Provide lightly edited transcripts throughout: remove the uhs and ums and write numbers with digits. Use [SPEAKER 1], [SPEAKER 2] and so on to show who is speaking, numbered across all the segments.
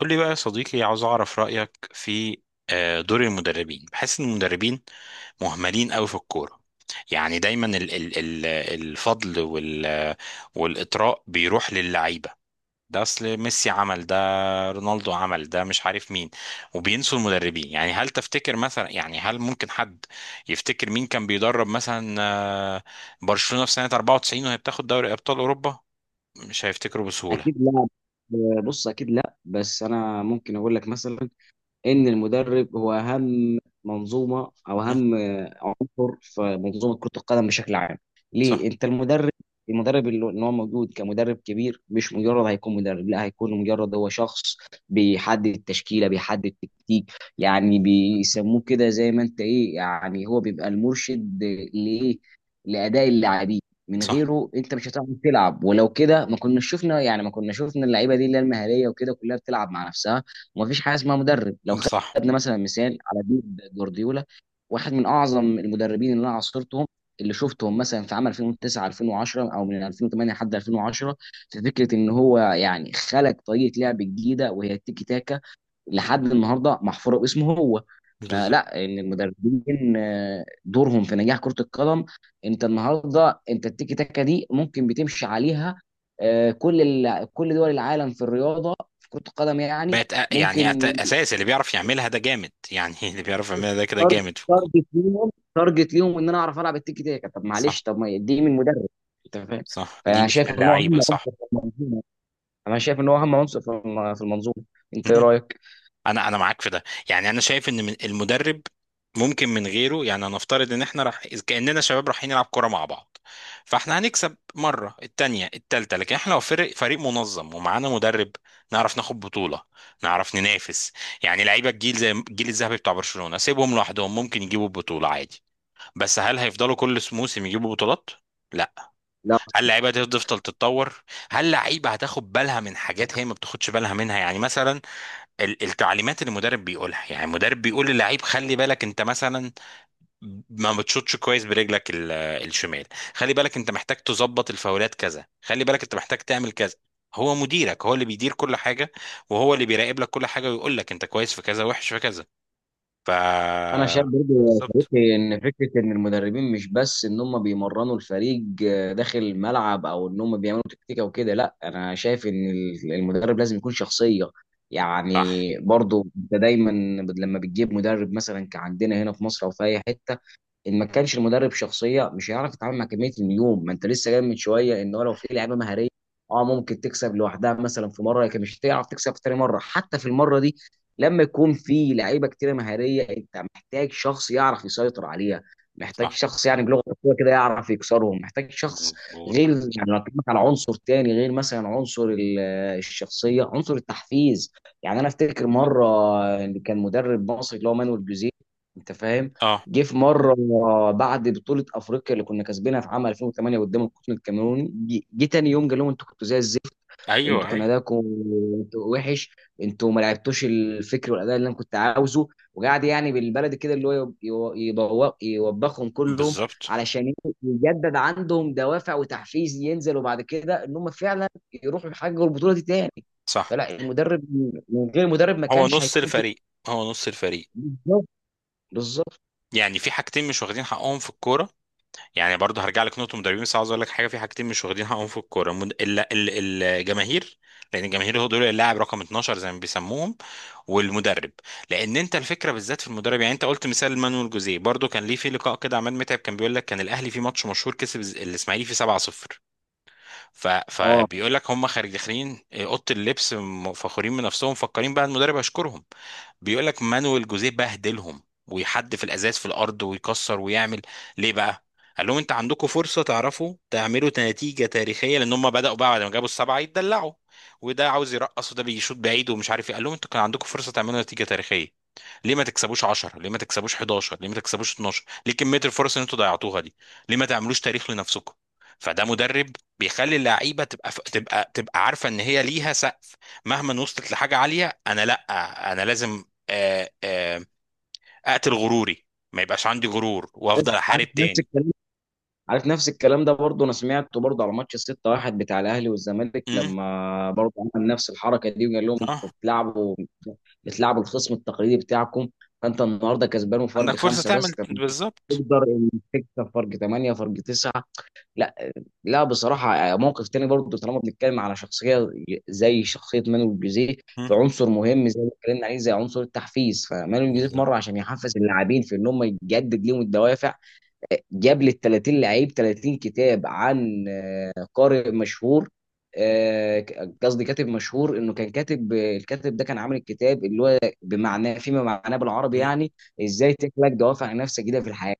[SPEAKER 1] قول لي بقى يا صديقي، عاوز اعرف رأيك في دور المدربين. بحس ان المدربين مهملين قوي في الكورة. يعني دايما ال ال ال الفضل والإطراء بيروح للعيبة. ده اصل ميسي عمل ده، رونالدو عمل ده، مش عارف مين، وبينسوا المدربين. يعني هل تفتكر مثلا، يعني هل ممكن حد يفتكر مين كان بيدرب مثلا برشلونة في سنة 94 وهي بتاخد دوري أبطال أوروبا؟ مش هيفتكروا بسهولة.
[SPEAKER 2] اكيد لا. بص، اكيد لا، بس انا ممكن اقول لك مثلا ان المدرب هو اهم منظومه، او
[SPEAKER 1] م،
[SPEAKER 2] اهم دكتور في منظومه كره القدم بشكل عام.
[SPEAKER 1] صح،
[SPEAKER 2] ليه؟ انت المدرب. المدرب اللي هو موجود كمدرب كبير، مش مجرد هيكون مدرب، لا هيكون مجرد هو شخص بيحدد التشكيله، بيحدد التكتيك. يعني بيسموه كده زي ما انت ايه، يعني هو بيبقى المرشد لايه؟ لاداء اللاعبين. من
[SPEAKER 1] صح،
[SPEAKER 2] غيره انت مش هتعرف تلعب، ولو كده ما كنا شفنا، يعني ما كنا شفنا اللعيبه دي اللي هي المهاريه وكده كلها بتلعب مع نفسها، ومفيش حاجه اسمها مدرب. لو
[SPEAKER 1] صح،
[SPEAKER 2] خدنا مثلا مثال على بيب جوارديولا، واحد من اعظم المدربين اللي انا عاصرتهم، اللي شفتهم مثلا في عام 2009 2010، او من 2008 لحد 2010، في فكره ان هو يعني خلق طريقه لعب جديده وهي التيكي تاكا، لحد النهارده محفوره باسمه هو.
[SPEAKER 1] بالظبط.
[SPEAKER 2] فلا، ان المدربين دورهم في نجاح كره القدم. انت النهارده انت التيكي تاكا دي ممكن بتمشي عليها، كل كل دول العالم في الرياضه في كره القدم يعني.
[SPEAKER 1] بقت أ- يعني أت-
[SPEAKER 2] ممكن
[SPEAKER 1] اساس اللي بيعرف يعملها ده جامد. يعني اللي بيعرف يعملها ده كده
[SPEAKER 2] تارجت
[SPEAKER 1] جامد في الكوره.
[SPEAKER 2] تارجت ليهم تارجت ليهم ان انا اعرف العب التيكي تاكا. طب
[SPEAKER 1] صح،
[SPEAKER 2] معلش، طب ما دي من مدرب، انت فاهم.
[SPEAKER 1] صح، دي
[SPEAKER 2] فانا
[SPEAKER 1] مش من
[SPEAKER 2] شايف ان هو اهم
[SPEAKER 1] اللعيبه، صح.
[SPEAKER 2] عنصر في المنظومه، انا شايف ان هو اهم عنصر في في المنظومه. انت ايه
[SPEAKER 1] مم.
[SPEAKER 2] رايك؟
[SPEAKER 1] انا معاك في ده. يعني انا شايف ان من المدرب ممكن. من غيره يعني هنفترض ان احنا راح، إذ كاننا شباب رايحين نلعب كوره مع بعض، فاحنا هنكسب مره، التانيه، التالته، لكن احنا لو فريق منظم ومعانا مدرب، نعرف ناخد بطوله، نعرف ننافس. يعني لعيبه الجيل زي الجيل الذهبي بتاع برشلونه سيبهم لوحدهم ممكن يجيبوا البطوله عادي، بس هل هيفضلوا كل موسم يجيبوا بطولات؟ لا.
[SPEAKER 2] لا،
[SPEAKER 1] هل لعيبه هتفضل تتطور؟ هل لعيبه هتاخد بالها من حاجات هي ما بتاخدش بالها منها؟ يعني مثلا التعليمات اللي المدرب بيقولها. يعني المدرب بيقول للعيب: خلي بالك انت مثلا ما بتشوطش كويس برجلك الشمال، خلي بالك انت محتاج تظبط الفاولات كذا، خلي بالك انت محتاج تعمل كذا. هو مديرك، هو اللي بيدير كل حاجه، وهو اللي بيراقب لك كل حاجه ويقول لك انت كويس في كذا وحش في كذا. ف
[SPEAKER 2] انا شايف برضه يا
[SPEAKER 1] بالظبط،
[SPEAKER 2] صديقي ان فكره ان المدربين مش بس ان هم بيمرنوا الفريق داخل الملعب، او ان هم بيعملوا تكتيكه وكده. لا، انا شايف ان المدرب لازم يكون شخصيه. يعني
[SPEAKER 1] صح،
[SPEAKER 2] برضه انت دايما لما بتجيب مدرب مثلا كعندنا هنا في مصر او في اي حته، ان ما كانش المدرب شخصيه مش هيعرف يتعامل مع كميه النجوم. ما انت لسه جاي من شويه ان هو لو في لعيبه مهاريه، اه ممكن تكسب لوحدها مثلا في مره، لكن مش هتعرف تكسب في تاني مره، حتى في المره دي لما يكون في لعيبه كتيره مهاريه انت محتاج شخص يعرف يسيطر عليها، محتاج
[SPEAKER 1] صح،
[SPEAKER 2] شخص، يعني بلغه الكوره كده يعرف يكسرهم، محتاج شخص
[SPEAKER 1] مظبوط،
[SPEAKER 2] غير. يعني لو اتكلمت على عنصر تاني، غير مثلا عنصر الشخصيه، عنصر التحفيز. يعني انا افتكر مره، اللي كان مدرب مصري اللي هو مانويل جوزيه، انت فاهم.
[SPEAKER 1] اه،
[SPEAKER 2] جه في مره بعد بطوله افريقيا اللي كنا كاسبينها في عام 2008 قدام القطن الكاميروني، جه تاني يوم قال لهم انتوا كنتوا زي الزفت،
[SPEAKER 1] ايوه،
[SPEAKER 2] انتوا كان
[SPEAKER 1] ايوه،
[SPEAKER 2] اداؤكم وحش، انتوا ما لعبتوش الفكر والاداء اللي انا كنت عاوزه. وقعد يعني بالبلدي كده اللي هو يوبخهم كلهم،
[SPEAKER 1] بالظبط،
[SPEAKER 2] علشان يجدد عندهم دوافع وتحفيز ينزلوا بعد كده ان هم فعلا يروحوا يحققوا البطوله دي تاني.
[SPEAKER 1] صح.
[SPEAKER 2] فلا المدرب، من غير المدرب ما
[SPEAKER 1] هو
[SPEAKER 2] كانش
[SPEAKER 1] نص
[SPEAKER 2] هيكون في.
[SPEAKER 1] الفريق، هو نص الفريق.
[SPEAKER 2] بالظبط، بالظبط.
[SPEAKER 1] يعني في حاجتين مش واخدين حقهم في الكوره. يعني برضه هرجع لك نقطه مدربين، بس عاوز اقول لك حاجه: في حاجتين مش واخدين حقهم في الكوره: الجماهير، لان الجماهير هو دول اللاعب رقم 12 زي ما بيسموهم، والمدرب. لان انت الفكره بالذات في المدرب. يعني انت قلت مثال مانويل جوزيه، برضه كان ليه في لقاء كده عماد متعب كان بيقول لك كان الاهلي في ماتش مشهور كسب الاسماعيلي فيه 7-0.
[SPEAKER 2] اه.
[SPEAKER 1] فبيقول لك هم خارج داخلين اوضه اللبس، فخورين من نفسهم مفكرين بقى المدرب هيشكرهم. بيقول لك مانويل جوزيه بهدلهم ويحدف الازاز في الارض ويكسر ويعمل. ليه بقى؟ قال لهم: انت عندكم فرصه تعرفوا تعملوا نتيجه تاريخيه، لان هم بداوا بقى بعد ما جابوا السبعه يتدلعوا، وده عاوز يرقص وده بيشوط بعيد ومش عارف ايه. قال لهم: انتوا كان عندكم فرصه تعملوا نتيجه تاريخيه. ليه ما تكسبوش 10؟ ليه ما تكسبوش 11؟ ليه ما تكسبوش 12؟ ليه كميه الفرص اللي انتوا ضيعتوها دي؟ ليه ما تعملوش تاريخ لنفسكم؟ فده مدرب بيخلي اللعيبه تبقى تبقى عارفه ان هي ليها سقف. مهما وصلت لحاجه عاليه انا لا، انا لازم آه، آه، اقتل غروري، ما يبقاش عندي غرور
[SPEAKER 2] عارف
[SPEAKER 1] وافضل
[SPEAKER 2] عارف
[SPEAKER 1] احارب
[SPEAKER 2] نفس
[SPEAKER 1] تاني.
[SPEAKER 2] الكلام، ده برضه انا سمعته برضه على ماتش 6-1 بتاع الاهلي والزمالك،
[SPEAKER 1] امم
[SPEAKER 2] لما برضه عمل نفس الحركه دي وقال لهم
[SPEAKER 1] اه،
[SPEAKER 2] انتوا بتلعبوا الخصم التقليدي بتاعكم. فانت النهارده كسبان وفرق
[SPEAKER 1] عندك فرصه
[SPEAKER 2] خمسه بس،
[SPEAKER 1] تعمل
[SPEAKER 2] طب أنت
[SPEAKER 1] بالظبط.
[SPEAKER 2] تقدر إن تكسب فرق ثمانيه، فرق تسعه. لا، لا، بصراحه موقف تاني برضه. طالما بنتكلم على شخصيه زي شخصيه مانويل جوزيه،
[SPEAKER 1] مم.
[SPEAKER 2] فعنصر مهم زي ما اتكلمنا عليه زي عنصر التحفيز، فمانويل جوزيه في
[SPEAKER 1] بالظبط.
[SPEAKER 2] مره عشان يحفز اللاعبين في ان هم يجدد لهم الدوافع، جاب لي ال 30 لعيب 30 كتاب عن قارئ مشهور، آه، قصدي كاتب مشهور. انه كان كاتب، الكاتب ده كان عامل الكتاب اللي هو بمعناه، فيما معناه بالعربي،
[SPEAKER 1] مم.
[SPEAKER 2] يعني ازاي تخلق دوافع نفسك جديده في الحياه.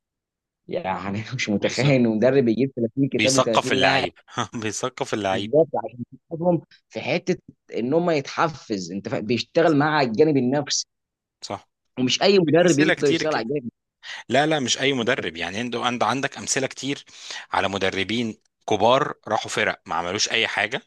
[SPEAKER 2] يعني أنا مش متخيل
[SPEAKER 1] بالظبط.
[SPEAKER 2] ان مدرب يجيب 30 كتاب ل
[SPEAKER 1] بيثقف
[SPEAKER 2] 30 لاعب.
[SPEAKER 1] اللعيب بيثقف اللعيب.
[SPEAKER 2] بالظبط، عشان يساعدهم في حته ان هم يتحفز. انت بيشتغل
[SPEAKER 1] صح،
[SPEAKER 2] مع الجانب النفسي،
[SPEAKER 1] صح.
[SPEAKER 2] ومش اي
[SPEAKER 1] في
[SPEAKER 2] مدرب
[SPEAKER 1] امثله
[SPEAKER 2] يقدر
[SPEAKER 1] كتير
[SPEAKER 2] يشتغل على
[SPEAKER 1] كده.
[SPEAKER 2] الجانب
[SPEAKER 1] لا، لا، مش اي
[SPEAKER 2] النفسي.
[SPEAKER 1] مدرب. يعني انت عندك امثله كتير على مدربين كبار راحوا فرق ما عملوش اي حاجه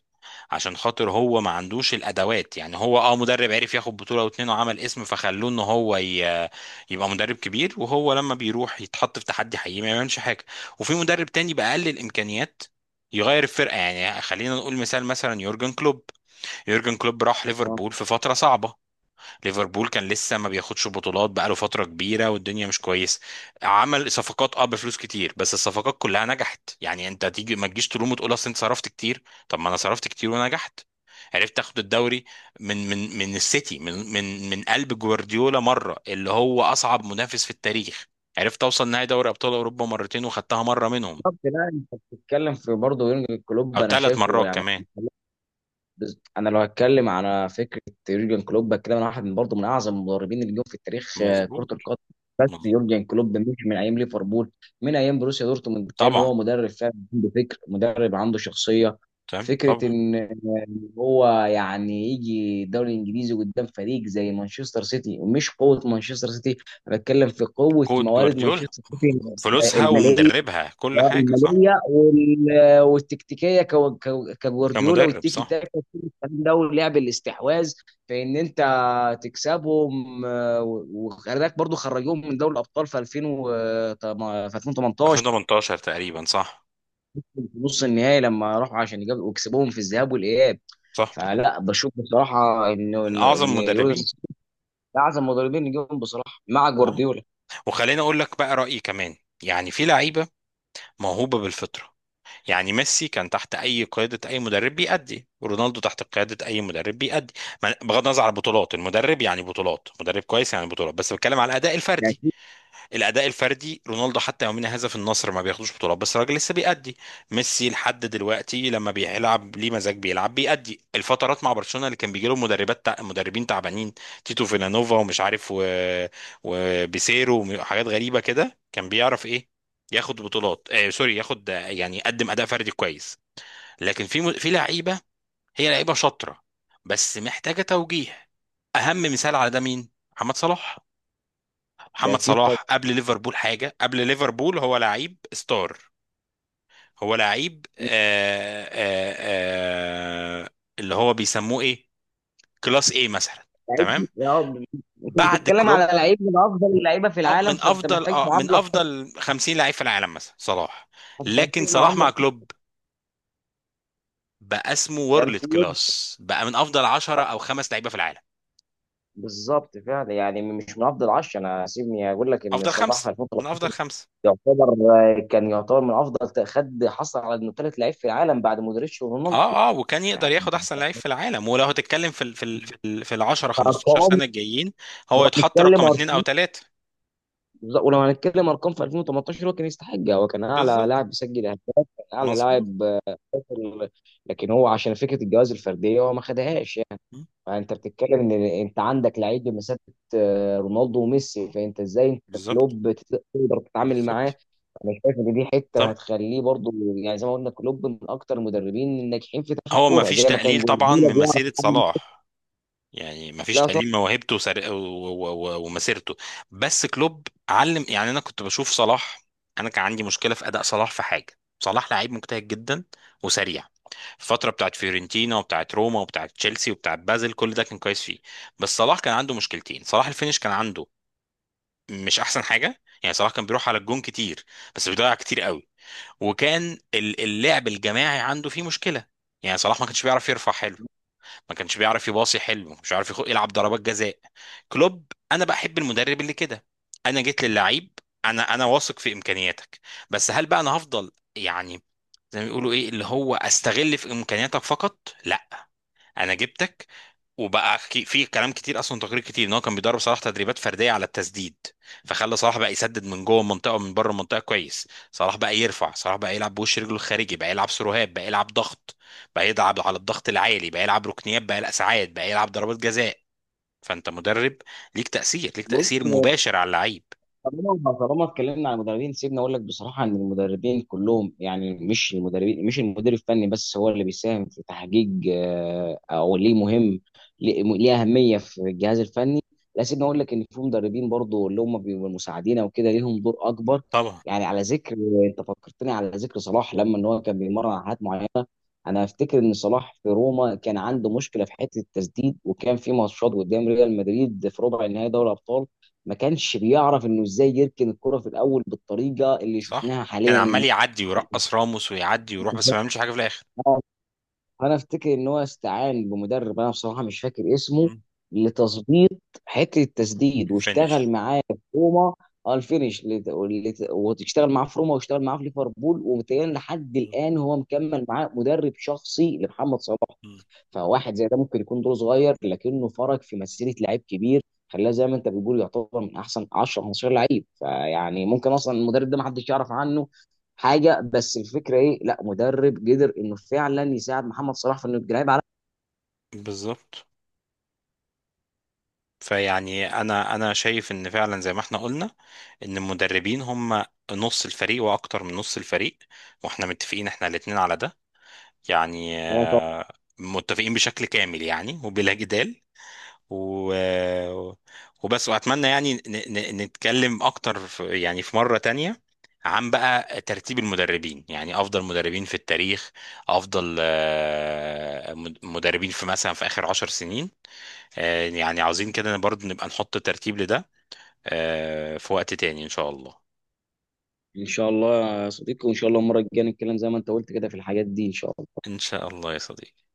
[SPEAKER 1] عشان خاطر هو ما عندوش الادوات. يعني هو اه مدرب عرف ياخد بطوله او اتنين وعمل اسم فخلوه ان هو يبقى مدرب كبير، وهو لما بيروح يتحط في تحدي حقيقي ما يعملش حاجه. وفي مدرب تاني باقل الامكانيات يغير الفرقه. يعني خلينا نقول مثال، مثلا يورجن كلوب. يورجن كلوب راح ليفربول في فتره صعبه، ليفربول كان لسه ما بياخدش بطولات بقاله فترة كبيرة والدنيا مش كويسة. عمل صفقات اه بفلوس كتير بس الصفقات كلها نجحت. يعني انت تيجي ما تجيش تلوم وتقول اصل انت صرفت كتير. طب ما انا صرفت كتير ونجحت. عرفت اخد الدوري من السيتي، من قلب جوارديولا مرة اللي هو اصعب منافس في التاريخ. عرفت اوصل نهائي دوري ابطال اوروبا مرتين وخدتها مرة منهم،
[SPEAKER 2] بالظبط. لا، انت بتتكلم في برضه يورجن
[SPEAKER 1] او
[SPEAKER 2] كلوب، انا
[SPEAKER 1] ثلاث
[SPEAKER 2] شايفه
[SPEAKER 1] مرات
[SPEAKER 2] يعني.
[SPEAKER 1] كمان.
[SPEAKER 2] انا لو هتكلم على فكره يورجن كلوب كده، انا واحد من برضه من اعظم المدربين اللي جم في التاريخ، كره
[SPEAKER 1] مظبوط،
[SPEAKER 2] القدم. بس
[SPEAKER 1] مظبوط.
[SPEAKER 2] يورجن كلوب مش من ايام ليفربول، من ايام بروسيا دورتموند كان
[SPEAKER 1] طبعا،
[SPEAKER 2] هو مدرب فعلا عنده فكر، مدرب عنده شخصيه.
[SPEAKER 1] تمام،
[SPEAKER 2] فكره
[SPEAKER 1] طبعا.
[SPEAKER 2] ان هو يعني يجي الدوري الانجليزي قدام فريق زي مانشستر سيتي، ومش قوه مانشستر سيتي، أنا بتكلم في قوه
[SPEAKER 1] كود
[SPEAKER 2] موارد
[SPEAKER 1] جوارديولا،
[SPEAKER 2] مانشستر سيتي
[SPEAKER 1] فلوسها
[SPEAKER 2] الماليه.
[SPEAKER 1] ومدربها كل حاجة، صح.
[SPEAKER 2] والتكتيكيه كجوارديولا
[SPEAKER 1] كمدرب،
[SPEAKER 2] والتيكي
[SPEAKER 1] صح.
[SPEAKER 2] تاكا، كل الكلام ده ولعب الاستحواذ، في ان انت تكسبهم. وخلي بالك برضه خرجوهم من دوري الابطال في 2000 و في 2018
[SPEAKER 1] 2018 تقريبا، صح،
[SPEAKER 2] في نص النهائي، لما راحوا عشان يجابوا وكسبوهم في الذهاب والاياب.
[SPEAKER 1] صح.
[SPEAKER 2] فلا بشوف بصراحه انه
[SPEAKER 1] من
[SPEAKER 2] انه
[SPEAKER 1] أعظم
[SPEAKER 2] ان
[SPEAKER 1] مدربين،
[SPEAKER 2] رودريجز ده اعظم مدربين نجيبهم بصراحه مع
[SPEAKER 1] اه.
[SPEAKER 2] جوارديولا.
[SPEAKER 1] وخليني أقول لك بقى رأيي كمان. يعني في لعيبة موهوبة بالفطرة. يعني ميسي كان تحت أي قيادة أي مدرب بيأدي، ورونالدو تحت قيادة أي مدرب بيأدي. بغض النظر عن البطولات المدرب، يعني بطولات مدرب كويس يعني بطولات، بس بتكلم على الأداء
[SPEAKER 2] ده
[SPEAKER 1] الفردي.
[SPEAKER 2] اكيد.
[SPEAKER 1] الاداء الفردي، رونالدو حتى يومنا هذا في النصر ما بياخدوش بطولات بس الراجل لسه بيأدي. ميسي لحد دلوقتي لما بيلعب ليه مزاج بيلعب بيأدي. الفترات مع برشلونة اللي كان بيجي لهم مدربين تعبانين، تيتو فيلانوفا ومش عارف وبيسيرو وحاجات غريبة كده، كان بيعرف ايه، ياخد بطولات آه سوري، ياخد يعني يقدم اداء فردي كويس. لكن في لعيبة، هي لعيبة شاطرة بس محتاجة توجيه. اهم مثال على ده مين؟ محمد صلاح.
[SPEAKER 2] ده
[SPEAKER 1] محمد
[SPEAKER 2] اكيد طبعا.
[SPEAKER 1] صلاح قبل ليفربول حاجه، قبل ليفربول هو لعيب ستار. هو لعيب آه اللي هو بيسموه ايه، كلاس ايه مثلا.
[SPEAKER 2] لعيب.
[SPEAKER 1] تمام.
[SPEAKER 2] اه. انت
[SPEAKER 1] بعد
[SPEAKER 2] بتتكلم على
[SPEAKER 1] كلوب،
[SPEAKER 2] لعيب من افضل اللعيبه في العالم،
[SPEAKER 1] من
[SPEAKER 2] فانت
[SPEAKER 1] افضل
[SPEAKER 2] محتاج
[SPEAKER 1] اه من
[SPEAKER 2] معامله خاصة.
[SPEAKER 1] افضل 50 لعيب في العالم مثلا صلاح.
[SPEAKER 2] انت
[SPEAKER 1] لكن
[SPEAKER 2] محتاج
[SPEAKER 1] صلاح
[SPEAKER 2] معامله
[SPEAKER 1] مع
[SPEAKER 2] خاصة.
[SPEAKER 1] كلوب بقى اسمه
[SPEAKER 2] كان
[SPEAKER 1] وورلد
[SPEAKER 2] في ود.
[SPEAKER 1] كلاس، بقى من افضل 10 او خمس لعيبه في العالم.
[SPEAKER 2] بالظبط فعلا يعني، مش من افضل 10، انا سيبني اقول لك ان
[SPEAKER 1] افضل
[SPEAKER 2] صلاح
[SPEAKER 1] خمسه،
[SPEAKER 2] في
[SPEAKER 1] من افضل
[SPEAKER 2] 2013
[SPEAKER 1] خمسه.
[SPEAKER 2] يعتبر آه، كان يعتبر من افضل خد، حصل على انه ثالث لعيب في العالم بعد مودريتش ورونالدو.
[SPEAKER 1] اه، اه، وكان يقدر
[SPEAKER 2] يعني
[SPEAKER 1] ياخد احسن لعيب في العالم، ولو هتتكلم في ال 10 15
[SPEAKER 2] ارقام،
[SPEAKER 1] سنه الجايين هو
[SPEAKER 2] لو
[SPEAKER 1] يتحط
[SPEAKER 2] هنتكلم
[SPEAKER 1] رقم اتنين او
[SPEAKER 2] ارقام
[SPEAKER 1] تلاته.
[SPEAKER 2] ولو هنتكلم ارقام في 2018 هو كان يستحقها، هو كان اعلى
[SPEAKER 1] بالظبط،
[SPEAKER 2] لاعب بيسجل اهداف، كان اعلى
[SPEAKER 1] مظبوط.
[SPEAKER 2] لاعب آه، لكن هو عشان فكره الجوائز الفرديه هو ما خدهاش.
[SPEAKER 1] م.
[SPEAKER 2] انت بتتكلم ان انت عندك لعيب بمثابه رونالدو وميسي،
[SPEAKER 1] م.
[SPEAKER 2] فانت ازاي انت
[SPEAKER 1] بالظبط،
[SPEAKER 2] كلوب تقدر تتعامل معاه.
[SPEAKER 1] بالظبط.
[SPEAKER 2] انا شايف ان دي حته
[SPEAKER 1] طب
[SPEAKER 2] هتخليه برضو، يعني زي ما قلنا كلوب من اكتر المدربين الناجحين في تاريخ
[SPEAKER 1] هو ما
[SPEAKER 2] الكوره
[SPEAKER 1] فيش
[SPEAKER 2] زي ما كان
[SPEAKER 1] تقليل طبعا
[SPEAKER 2] جوارديولا
[SPEAKER 1] من
[SPEAKER 2] بيعرف
[SPEAKER 1] مسيره
[SPEAKER 2] يتعامل.
[SPEAKER 1] صلاح. يعني ما فيش
[SPEAKER 2] لا
[SPEAKER 1] تقليل من
[SPEAKER 2] طبعا.
[SPEAKER 1] موهبته ومسيرته. بس كلوب علم. يعني انا كنت بشوف صلاح، انا كان عندي مشكله في اداء صلاح في حاجه. صلاح لعيب مجتهد جدا وسريع. الفترة بتاعت فيورنتينا وبتاعت روما وبتاعت تشيلسي وبتاعت بازل كل ده كان كويس فيه. بس صلاح كان عنده مشكلتين. صلاح الفينش كان عنده مش احسن حاجة. يعني صلاح كان بيروح على الجون كتير بس بيضيع كتير قوي. وكان اللعب الجماعي عنده فيه مشكلة. يعني صلاح ما كانش بيعرف يرفع حلو، ما كانش بيعرف يباصي حلو، ما كانش بيعرف يلعب ضربات جزاء. كلوب، انا بحب المدرب اللي كده. انا جيت للعيب، انا واثق في امكانياتك، بس هل بقى انا هفضل يعني زي ما بيقولوا ايه اللي هو استغل في امكانياتك فقط؟ لا، انا جبتك. وبقى في كلام كتير اصلا، تقرير كتير ان هو كان بيدرب صلاح تدريبات فرديه على التسديد. فخلى صلاح بقى يسدد من جوه المنطقه ومن بره المنطقه كويس، صلاح بقى يرفع، صلاح بقى يلعب بوش رجله الخارجي، بقى يلعب سروهات، بقى يلعب ضغط، بقى يلعب على الضغط العالي، بقى يلعب ركنيات، بقى يلعب ساعات، بقى يلعب ضربات جزاء. فانت مدرب، ليك تاثير، ليك
[SPEAKER 2] بص،
[SPEAKER 1] تاثير مباشر على اللعيب.
[SPEAKER 2] طالما اتكلمنا عن المدربين سيبني اقول لك بصراحه ان المدربين كلهم، يعني مش المدربين، مش المدير الفني بس هو اللي بيساهم في تحقيق، او ليه مهم، ليه اهميه في الجهاز الفني. لا، سيبني اقول لك ان في مدربين برضو اللي هم بيبقوا مساعدين او كده ليهم دور اكبر.
[SPEAKER 1] طبعا.
[SPEAKER 2] يعني على ذكر انت فكرتني على ذكر صلاح، لما ان هو كان بيمرن على حاجات معينه. انا افتكر ان صلاح في روما كان عنده مشكله في حته التسديد، وكان في ماتشات قدام ريال مدريد في ربع النهائي دوري الابطال، ما كانش بيعرف انه ازاي يركن الكره في الاول بالطريقه اللي
[SPEAKER 1] صح،
[SPEAKER 2] شفناها
[SPEAKER 1] كان
[SPEAKER 2] حاليا.
[SPEAKER 1] عمال يعدي ويرقص راموس ويعدي ويروح بس ما يعملش حاجه في الاخر.
[SPEAKER 2] آه، انا افتكر ان هو استعان بمدرب، انا بصراحه مش فاكر اسمه،
[SPEAKER 1] مم.
[SPEAKER 2] لتظبيط حته التسديد واشتغل
[SPEAKER 1] فينش.
[SPEAKER 2] معاه في روما. الفينش، وتشتغل معاه في روما واشتغل معاه في ليفربول. ومتهيألي لحد الان هو مكمل معاه مدرب شخصي لمحمد صلاح.
[SPEAKER 1] مم.
[SPEAKER 2] فواحد زي ده ممكن يكون دور صغير لكنه فرق في مسيره لعيب كبير، خلاه زي ما انت بتقول يعتبر من احسن 10 15 لعيب، فيعني ممكن اصلا المدرب ده ما حدش يعرف عنه حاجه، بس الفكره ايه؟ لا، مدرب قدر انه فعلا يساعد محمد صلاح في انه يبقى لعيب على.
[SPEAKER 1] بالظبط. فيعني انا شايف ان فعلا زي ما احنا قلنا ان المدربين هم نص الفريق واكتر من نص الفريق. واحنا متفقين، احنا الاتنين على ده. يعني متفقين بشكل كامل يعني وبلا جدال. و... وبس. واتمنى يعني نتكلم اكتر يعني في مرة تانية عن بقى ترتيب المدربين. يعني افضل مدربين في التاريخ، افضل مدربين في مثلا في اخر عشر سنين. يعني عاوزين كده برضه نبقى نحط ترتيب لده في وقت تاني إن شاء الله.
[SPEAKER 2] ان شاء الله يا صديقي، وان شاء الله المره الجايه نتكلم زي ما انت قلت كده في الحاجات دي ان شاء الله.
[SPEAKER 1] إن شاء الله يا صديقي.